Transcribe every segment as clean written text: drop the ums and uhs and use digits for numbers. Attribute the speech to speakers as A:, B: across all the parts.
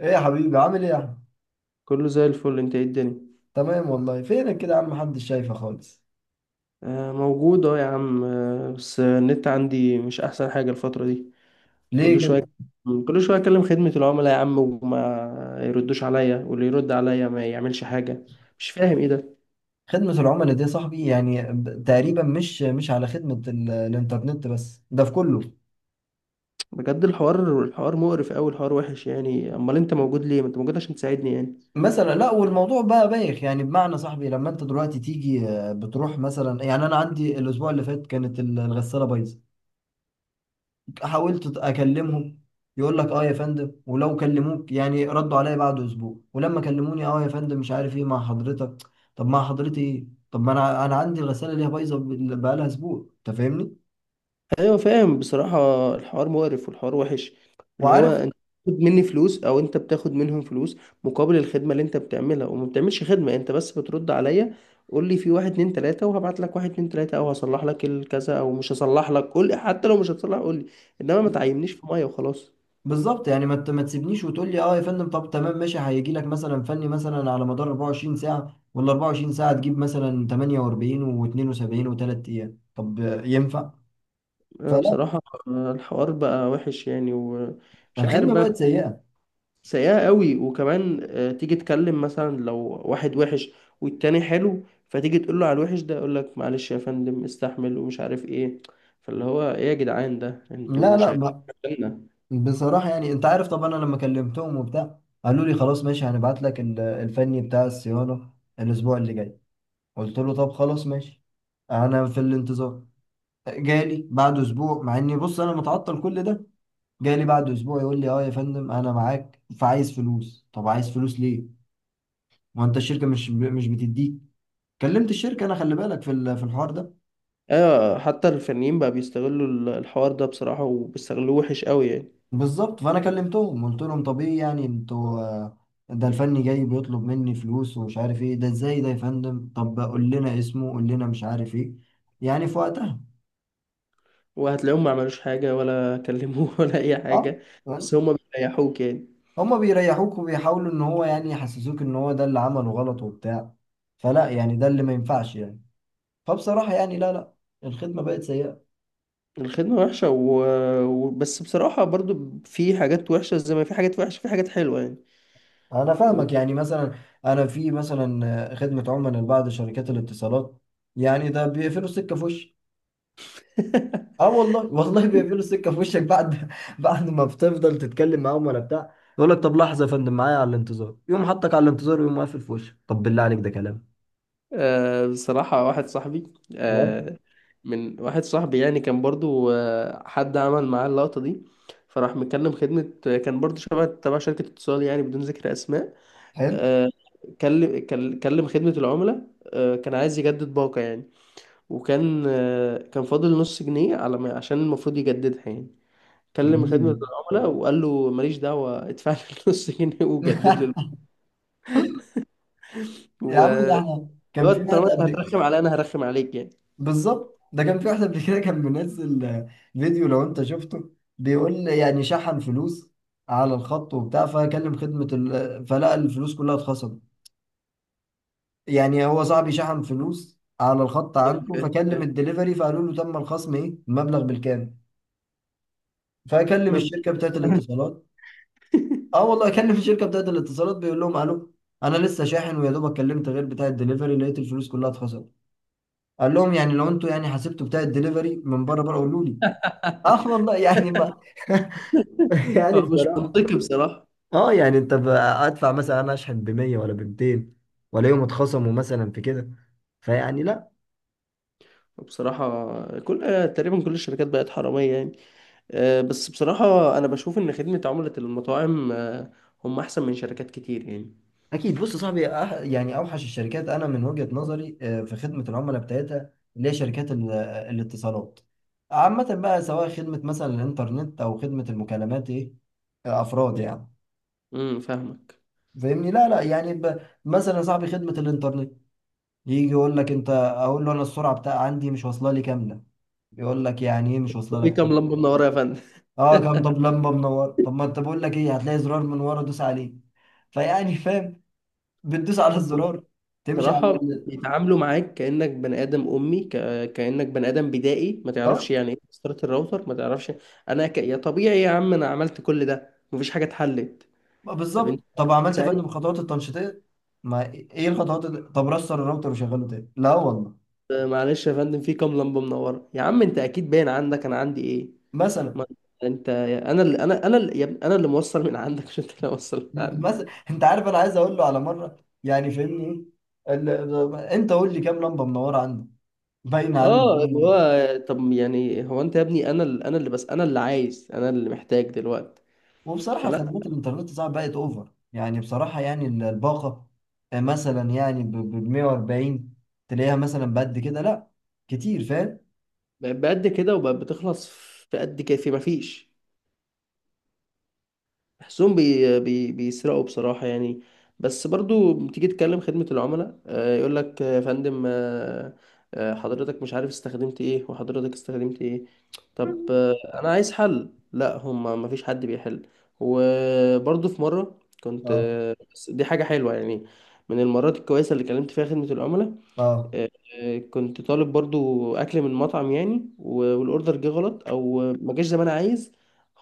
A: ايه يا حبيبي، عامل ايه يا احمد؟
B: كله زي الفل. انت ايه الدنيا؟
A: تمام والله. فينك كده يا عم؟ محدش شايفه خالص.
B: آه، موجود. اه يا عم. بس النت عندي مش احسن حاجة الفترة دي.
A: ليه
B: كل
A: كده؟
B: شوية كل شوية اكلم خدمة العملاء يا عم، وما يردوش عليا، واللي يرد عليا ما يعملش حاجة. مش فاهم ايه ده.
A: خدمة العملاء دي يا صاحبي يعني تقريبا مش على خدمة الانترنت بس، ده في كله.
B: بجد الحوار مقرف اوي، الحوار وحش يعني. امال انت موجود ليه؟ ما انت موجود عشان تساعدني يعني.
A: مثلا لا، والموضوع بقى بايخ، يعني بمعنى صاحبي لما انت دلوقتي تيجي، بتروح مثلا، يعني انا عندي الاسبوع اللي فات كانت الغسالة بايظة. حاولت اكلمهم، يقول لك اه يا فندم، ولو كلموك يعني ردوا عليا بعد اسبوع، ولما كلموني اه يا فندم مش عارف ايه مع حضرتك. طب مع حضرتي ايه؟ طب ما انا عندي الغساله اللي هي بايظه بقالها اسبوع، انت فاهمني
B: ايوه فاهم بصراحة، الحوار مقرف والحوار وحش. اللي هو
A: وعارف.
B: انت بتاخد مني فلوس او انت بتاخد منهم فلوس مقابل الخدمة اللي انت بتعملها، وما بتعملش خدمة، انت بس بترد عليا. قول لي في واحد اتنين تلاتة وهبعت لك واحد اتنين تلاتة، او هصلح لك الكذا او مش هصلح لك، قول لي. حتى لو مش هتصلح، قول لي. انما ما تعينيش في مية وخلاص.
A: بالظبط يعني ما تسيبنيش وتقول لي اه يا فندم، طب تمام ماشي، هيجي لك مثلا فني مثلا على مدار 24 ساعه، ولا 24 ساعه تجيب مثلا 48 و72 و3 ايام، طب ينفع؟
B: انا
A: فلا.
B: بصراحة الحوار بقى وحش يعني، ومش عارف
A: الخدمه بقت
B: بقى.
A: سيئه.
B: سيئة قوي. وكمان تيجي تكلم مثلا لو واحد وحش والتاني حلو، فتيجي تقول له على الوحش ده يقول لك معلش يا فندم استحمل، ومش عارف ايه. فاللي هو ايه يا جدعان؟ ده
A: لا
B: انتوا شغالين
A: لا،
B: عشاننا.
A: بصراحة يعني انت عارف طبعا، انا لما كلمتهم وبتاع، قالوا لي خلاص ماشي هنبعت لك الفني بتاع الصيانة الاسبوع اللي جاي. قلت له طب خلاص ماشي، انا في الانتظار. جالي بعد اسبوع، مع اني بص انا متعطل كل ده، جالي بعد اسبوع يقول لي اه يا فندم انا معاك فعايز فلوس. طب عايز فلوس ليه؟ ما انت الشركة مش بتديك. كلمت الشركة، انا خلي بالك في الحوار ده.
B: ايوه، حتى الفنيين بقى بيستغلوا الحوار ده بصراحة، وبيستغلوه وحش قوي يعني.
A: بالظبط، فانا كلمتهم قلت لهم طب ايه يعني انتوا، ده الفني جاي بيطلب مني فلوس ومش عارف ايه، ده ازاي ده يا فندم؟ طب قول لنا اسمه، قول لنا مش عارف ايه، يعني في وقتها.
B: وهتلاقيهم ما عملوش حاجة ولا كلموه ولا اي
A: اه.
B: حاجة.
A: فاهم؟
B: بس هما بيريحوك يعني.
A: هما بيريحوك، وبيحاولوا ان هو يعني يحسسوك ان هو ده اللي عمله غلط وبتاع. فلا يعني، ده اللي ما ينفعش يعني. فبصراحة يعني لا لا، الخدمة بقت سيئة.
B: الخدمة وحشة و... بس بصراحة برضو في حاجات وحشة، زي ما في حاجات وحشة في حاجات حلوة يعني.
A: انا فاهمك، يعني مثلا انا في مثلا، خدمة عملاء لبعض شركات الاتصالات، يعني ده بيقفلوا السكة في وشي. اه والله والله بيقفلوا السكه في وشك، بعد بعد ما بتفضل تتكلم معاهم ولا بتاع، يقول لك طب لحظه يا فندم معايا على الانتظار، يقوم حطك على الانتظار، ويقوم قافل في وشك. طب بالله عليك ده كلام؟
B: بصراحة واحد صاحبي
A: تمام.
B: من واحد صاحبي يعني كان برضو حد عمل معاه اللقطة دي. فراح مكلم خدمة، كان برضو شبه تبع شركة اتصال يعني، بدون ذكر أسماء.
A: حلو.
B: آه، كلم خدمة العملاء. كان عايز يجدد باقة يعني. وكان آه، كان فاضل نص جنيه على ما، عشان المفروض يجددها يعني. كلم خدمة
A: جميل.
B: العملاء وقال له ماليش دعوة، ادفع لي النص جنيه وجدد لي الباقة.
A: يا
B: و-
A: عم، ده احنا
B: اللي
A: كان
B: هو
A: في واحد
B: طالما انت
A: قبل.
B: هترخم عليا انا هرخم عليك يعني.
A: بالظبط، ده كان في واحد قبل كده كان منزل فيديو، لو انت شفته، بيقول يعني شحن فلوس على الخط وبتاع، فكلم خدمه ال... فلقى الفلوس كلها اتخصمت. يعني هو صاحبي شحن فلوس على الخط عنده، فكلم الدليفري، فقالوا له تم الخصم ايه المبلغ بالكامل. فكلم
B: فاهم؟ ما
A: الشركه بتاعت الاتصالات، اه والله كلم الشركه بتاعت الاتصالات، بيقول لهم الو، انا لسه شاحن ويا دوبك كلمت غير بتاع الدليفري، لقيت الفلوس كلها اتخصمت. قال لهم يعني لو انتوا يعني حسبتوا بتاع الدليفري من بره بره قولوا لي. اه والله يعني ما يعني
B: مش
A: بصراحة،
B: منطقي بصراحة.
A: اه يعني انت ادفع، مثلا انا اشحن ب 100 ولا ب 200 ولا يوم، اتخصموا مثلا في كده، فيعني لا.
B: بصراحة تقريبا كل الشركات بقت حرامية يعني. بس بصراحة أنا بشوف إن خدمة عملاء المطاعم هم أحسن من شركات كتير يعني.
A: اكيد، بص يا صاحبي، يعني اوحش الشركات انا من وجهة نظري، في خدمة العملاء بتاعتها، اللي هي شركات الاتصالات عامة بقى، سواء خدمة مثلا الانترنت او خدمة المكالمات ايه، افراد يعني.
B: فاهمك.
A: فاهمني؟ لا لا يعني، مثلا يا صاحبي خدمة الانترنت، يجي يقول لك انت، اقول له انا السرعة بتاع عندي مش واصلة لي كاملة، يقول لك يعني ايه مش واصلة
B: في
A: لك
B: كام
A: كاملة؟
B: لمبة منورة يا فندم؟
A: اه كام؟ طب لمبة منورة؟ طب ما انت بقول لك ايه، هتلاقي زرار من ورا دوس عليه. فيعني فاهم، بتدوس على
B: هم
A: الزرار، تمشي على
B: بصراحة
A: ال...
B: بيتعاملوا معاك كأنك بني آدم أمي، كأنك بني آدم بدائي، ما تعرفش
A: اه،
B: يعني إيه مسطرة الراوتر، ما تعرفش. يا طبيعي يا عم، أنا عملت كل ده مفيش حاجة اتحلت.
A: ما
B: طب، أنت
A: بالظبط. طب عملت فن بالخطوات التنشيطيه؟ ما ايه الخطوات اللي... طب رستر الراوتر وشغله تاني؟ لا والله.
B: معلش يا فندم، في كام لمبه منوره يا عم؟ انت اكيد باين عندك انا عندي ايه.
A: مثلا،
B: ما انت، انا اللي يا ابني، انا اللي موصل من عندك، مش انت اللي موصل من عندي.
A: مثلا انت عارف انا عايز اقول له على مره، يعني فهمني، ايه انت قول لي كام لمبه منوره عندك، باينه عندك
B: اه،
A: كام
B: اللي
A: لمبة.
B: هو طب يعني هو انت يا ابني، انا اللي بس، انا اللي عايز، انا اللي محتاج دلوقتي.
A: وبصراحه
B: فلا.
A: خدمات الانترنت صعب بقت اوفر، يعني بصراحه، يعني الباقه، مثلا يعني ب 140 تلاقيها مثلا بقد كده، لا كتير، فاهم.
B: بقت بقد كده، وبقت بتخلص في قد كده، في مفيش. بحسهم بي بي بيسرقوا بصراحة يعني. بس برضو بتيجي تكلم خدمة العملاء، يقول لك يا فندم، حضرتك مش عارف استخدمت ايه وحضرتك استخدمت ايه. طب، انا عايز حل. لا، هم ما فيش حد بيحل. وبرضو في مرة كنت
A: اه
B: بس دي حاجة حلوة يعني، من المرات الكويسة اللي كلمت فيها خدمة العملاء.
A: اه.
B: كنت طالب برضو اكل من مطعم يعني، والاوردر جه غلط او ما جاش زي ما انا عايز.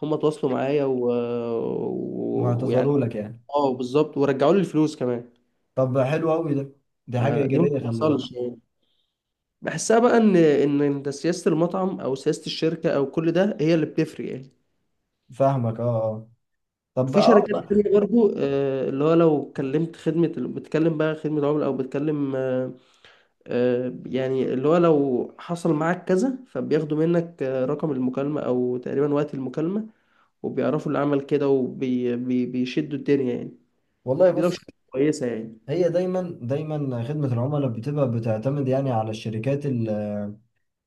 B: هم تواصلوا معايا ويعني.
A: واعتذروا لك يعني.
B: اه بالظبط، ورجعوا لي الفلوس كمان.
A: طب حلو قوي ده، دي حاجة
B: دي ما
A: إيجابية، خلي بالك.
B: بتحصلش يعني. بحسها بقى ان انت سياسه المطعم او سياسه الشركه او كل ده هي اللي بتفرق يعني.
A: فاهمك اه اه.
B: وفي شركات
A: بقى.
B: تانية برضو اللي هو لو كلمت خدمة، بتكلم بقى خدمة عملاء أو بتكلم، يعني اللي هو لو حصل معاك كذا فبياخدوا منك رقم المكالمة أو تقريبا وقت المكالمة، وبيعرفوا اللي عمل كده وبيشدوا الدنيا يعني.
A: والله
B: دي لو
A: بص،
B: شركة كويسة يعني.
A: هي دايما دايما خدمة العملاء بتبقى بتعتمد يعني على الشركات.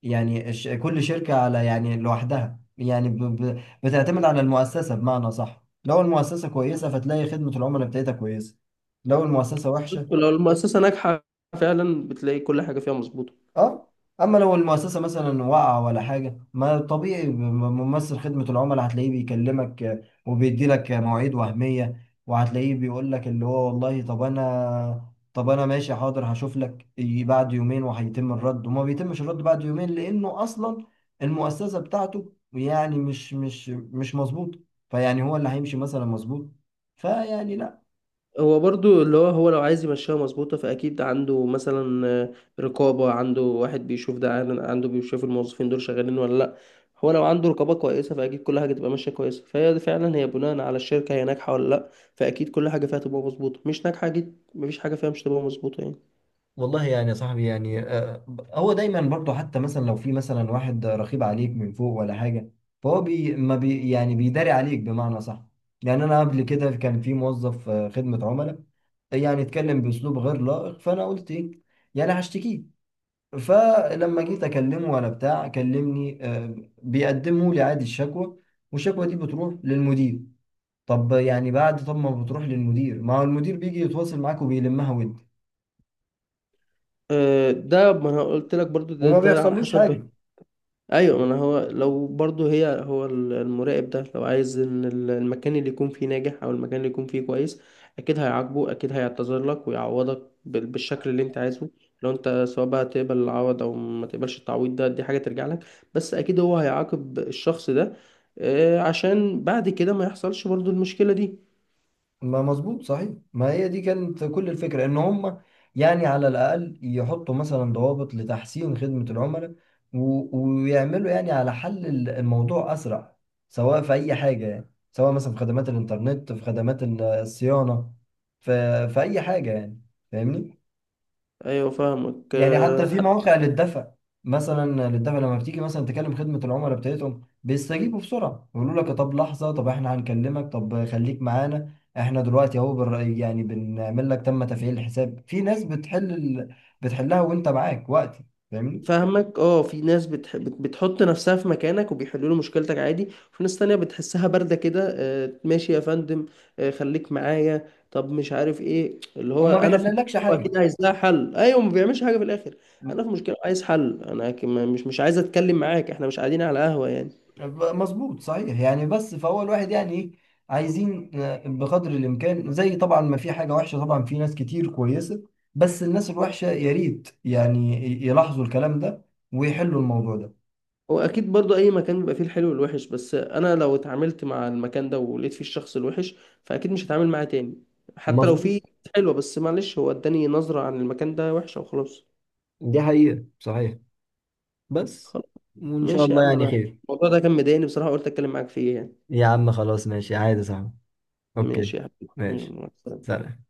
A: يعني كل شركة على يعني لوحدها، يعني ب بتعتمد على المؤسسة بمعنى صح. لو المؤسسة كويسة، فتلاقي خدمة العملاء بتاعتها كويسة، لو المؤسسة وحشة.
B: لو المؤسسة ناجحة، فعلا بتلاقي كل حاجة فيها مظبوطة.
A: اه، اما لو المؤسسه مثلا وقع ولا حاجه ما طبيعي، ممثل خدمه العملاء هتلاقيه بيكلمك، وبيدي لك مواعيد وهميه، وهتلاقيه بيقول لك اللي هو والله طب انا طب انا ماشي حاضر هشوف لك، يجي بعد يومين وهيتم الرد، وما بيتمش الرد بعد يومين، لانه اصلا المؤسسه بتاعته يعني مش مظبوط. فيعني هو اللي هيمشي مثلا مظبوط، فيعني لا.
B: هو برضو، اللي هو لو عايز يمشيها مظبوطة فأكيد عنده مثلا رقابة، عنده واحد بيشوف ده، عنده بيشوف الموظفين دول شغالين ولا لأ. هو لو عنده رقابة كويسة فأكيد كل حاجة تبقى ماشية كويسة. فهي دي فعلا، هي بناء على الشركة هي ناجحة ولا لأ. فأكيد كل حاجة فيها تبقى مظبوطة، مش ناجحة أكيد مفيش حاجة فيها مش تبقى مظبوطة يعني.
A: والله يعني يا صاحبي، يعني هو دايما برضه، حتى مثلا لو في مثلا واحد رقيب عليك من فوق ولا حاجه، فهو بي ما بي يعني بيداري عليك بمعنى صح. يعني انا قبل كده كان في موظف خدمه عملاء يعني اتكلم باسلوب غير لائق، فانا قلت ايه، يعني هشتكيه. فلما جيت اكلمه ولا بتاع، كلمني بيقدموا لي عادي الشكوى، والشكوى دي بتروح للمدير. طب يعني بعد طب ما بتروح للمدير، ما هو المدير بيجي يتواصل معاك وبيلمها ود،
B: ده ما أنا قلت لك برضو،
A: وما
B: ده على
A: بيحصلوش
B: حسب.
A: حاجه.
B: ايوه، ما انا هو لو برضو، هي هو المراقب ده لو عايز ان المكان اللي يكون فيه ناجح، او المكان اللي يكون فيه كويس، اكيد هيعاقبه، اكيد هيعتذر لك ويعوضك بالشكل اللي انت عايزه. لو انت سواء بقى تقبل العوض او ما تقبلش التعويض، ده دي حاجة ترجع لك. بس اكيد هو هيعاقب الشخص ده عشان بعد كده ما يحصلش برضو المشكلة دي.
A: ما مظبوط صحيح، ما هي دي كانت كل الفكرة، ان هم يعني على الاقل يحطوا مثلا ضوابط لتحسين خدمة العملاء، و- ويعملوا يعني على حل الموضوع اسرع، سواء في اي حاجة، يعني سواء مثلا في خدمات الانترنت، في خدمات الصيانة، في اي حاجة يعني. فاهمني.
B: ايوه فاهمك
A: يعني حتى في مواقع للدفع، مثلا للدفع، لما بتيجي مثلا تكلم خدمة العملاء بتاعتهم، بيستجيبوا بسرعة، يقولوا لك طب لحظة، طب احنا هنكلمك، طب خليك معانا، احنا دلوقتي اهو يعني بنعمل لك تم تفعيل الحساب، في ناس بتحل ال... بتحلها وانت معاك وقتي. فاهمني.
B: فاهمك اه. في ناس بتحط نفسها في مكانك وبيحلوا له مشكلتك عادي. وفي ناس تانية بتحسها باردة كده. ماشي يا فندم، خليك معايا، طب مش عارف ايه، اللي هو
A: وما
B: انا في
A: بيحللكش
B: مشكلة
A: حاجة.
B: اكيد عايز لها حل، ايوه ما بيعملش حاجة في الاخر. انا في مشكلة عايز حل، انا مش عايز اتكلم معاك، احنا مش قاعدين على قهوة يعني.
A: مظبوط صحيح يعني. بس فهو الواحد يعني ايه، عايزين بقدر الامكان، زي طبعا ما في حاجه وحشه، طبعا في ناس كتير كويسه، بس الناس الوحشه يا ريت يعني يلاحظوا الكلام ده ويحلوا الموضوع ده.
B: هو اكيد برضو اي مكان بيبقى فيه الحلو والوحش، بس انا لو اتعاملت مع المكان ده ولقيت فيه الشخص الوحش فاكيد مش هتعامل معاه تاني. حتى لو
A: مظبوط،
B: فيه حلوة، بس معلش، هو اداني نظرة عن المكان ده وحشة وخلاص.
A: دي حقيقة صحيح، بس
B: خلاص،
A: وإن شاء
B: ماشي يا
A: الله
B: عم.
A: يعني
B: انا
A: خير.
B: الموضوع ده كان مضايقني بصراحة، قلت اتكلم معاك فيه يعني.
A: يا عم خلاص، ماشي، عادي، صح. أوكي،
B: ماشي يا حبيبي، يلا،
A: ماشي،
B: مع السلامة.
A: سلام.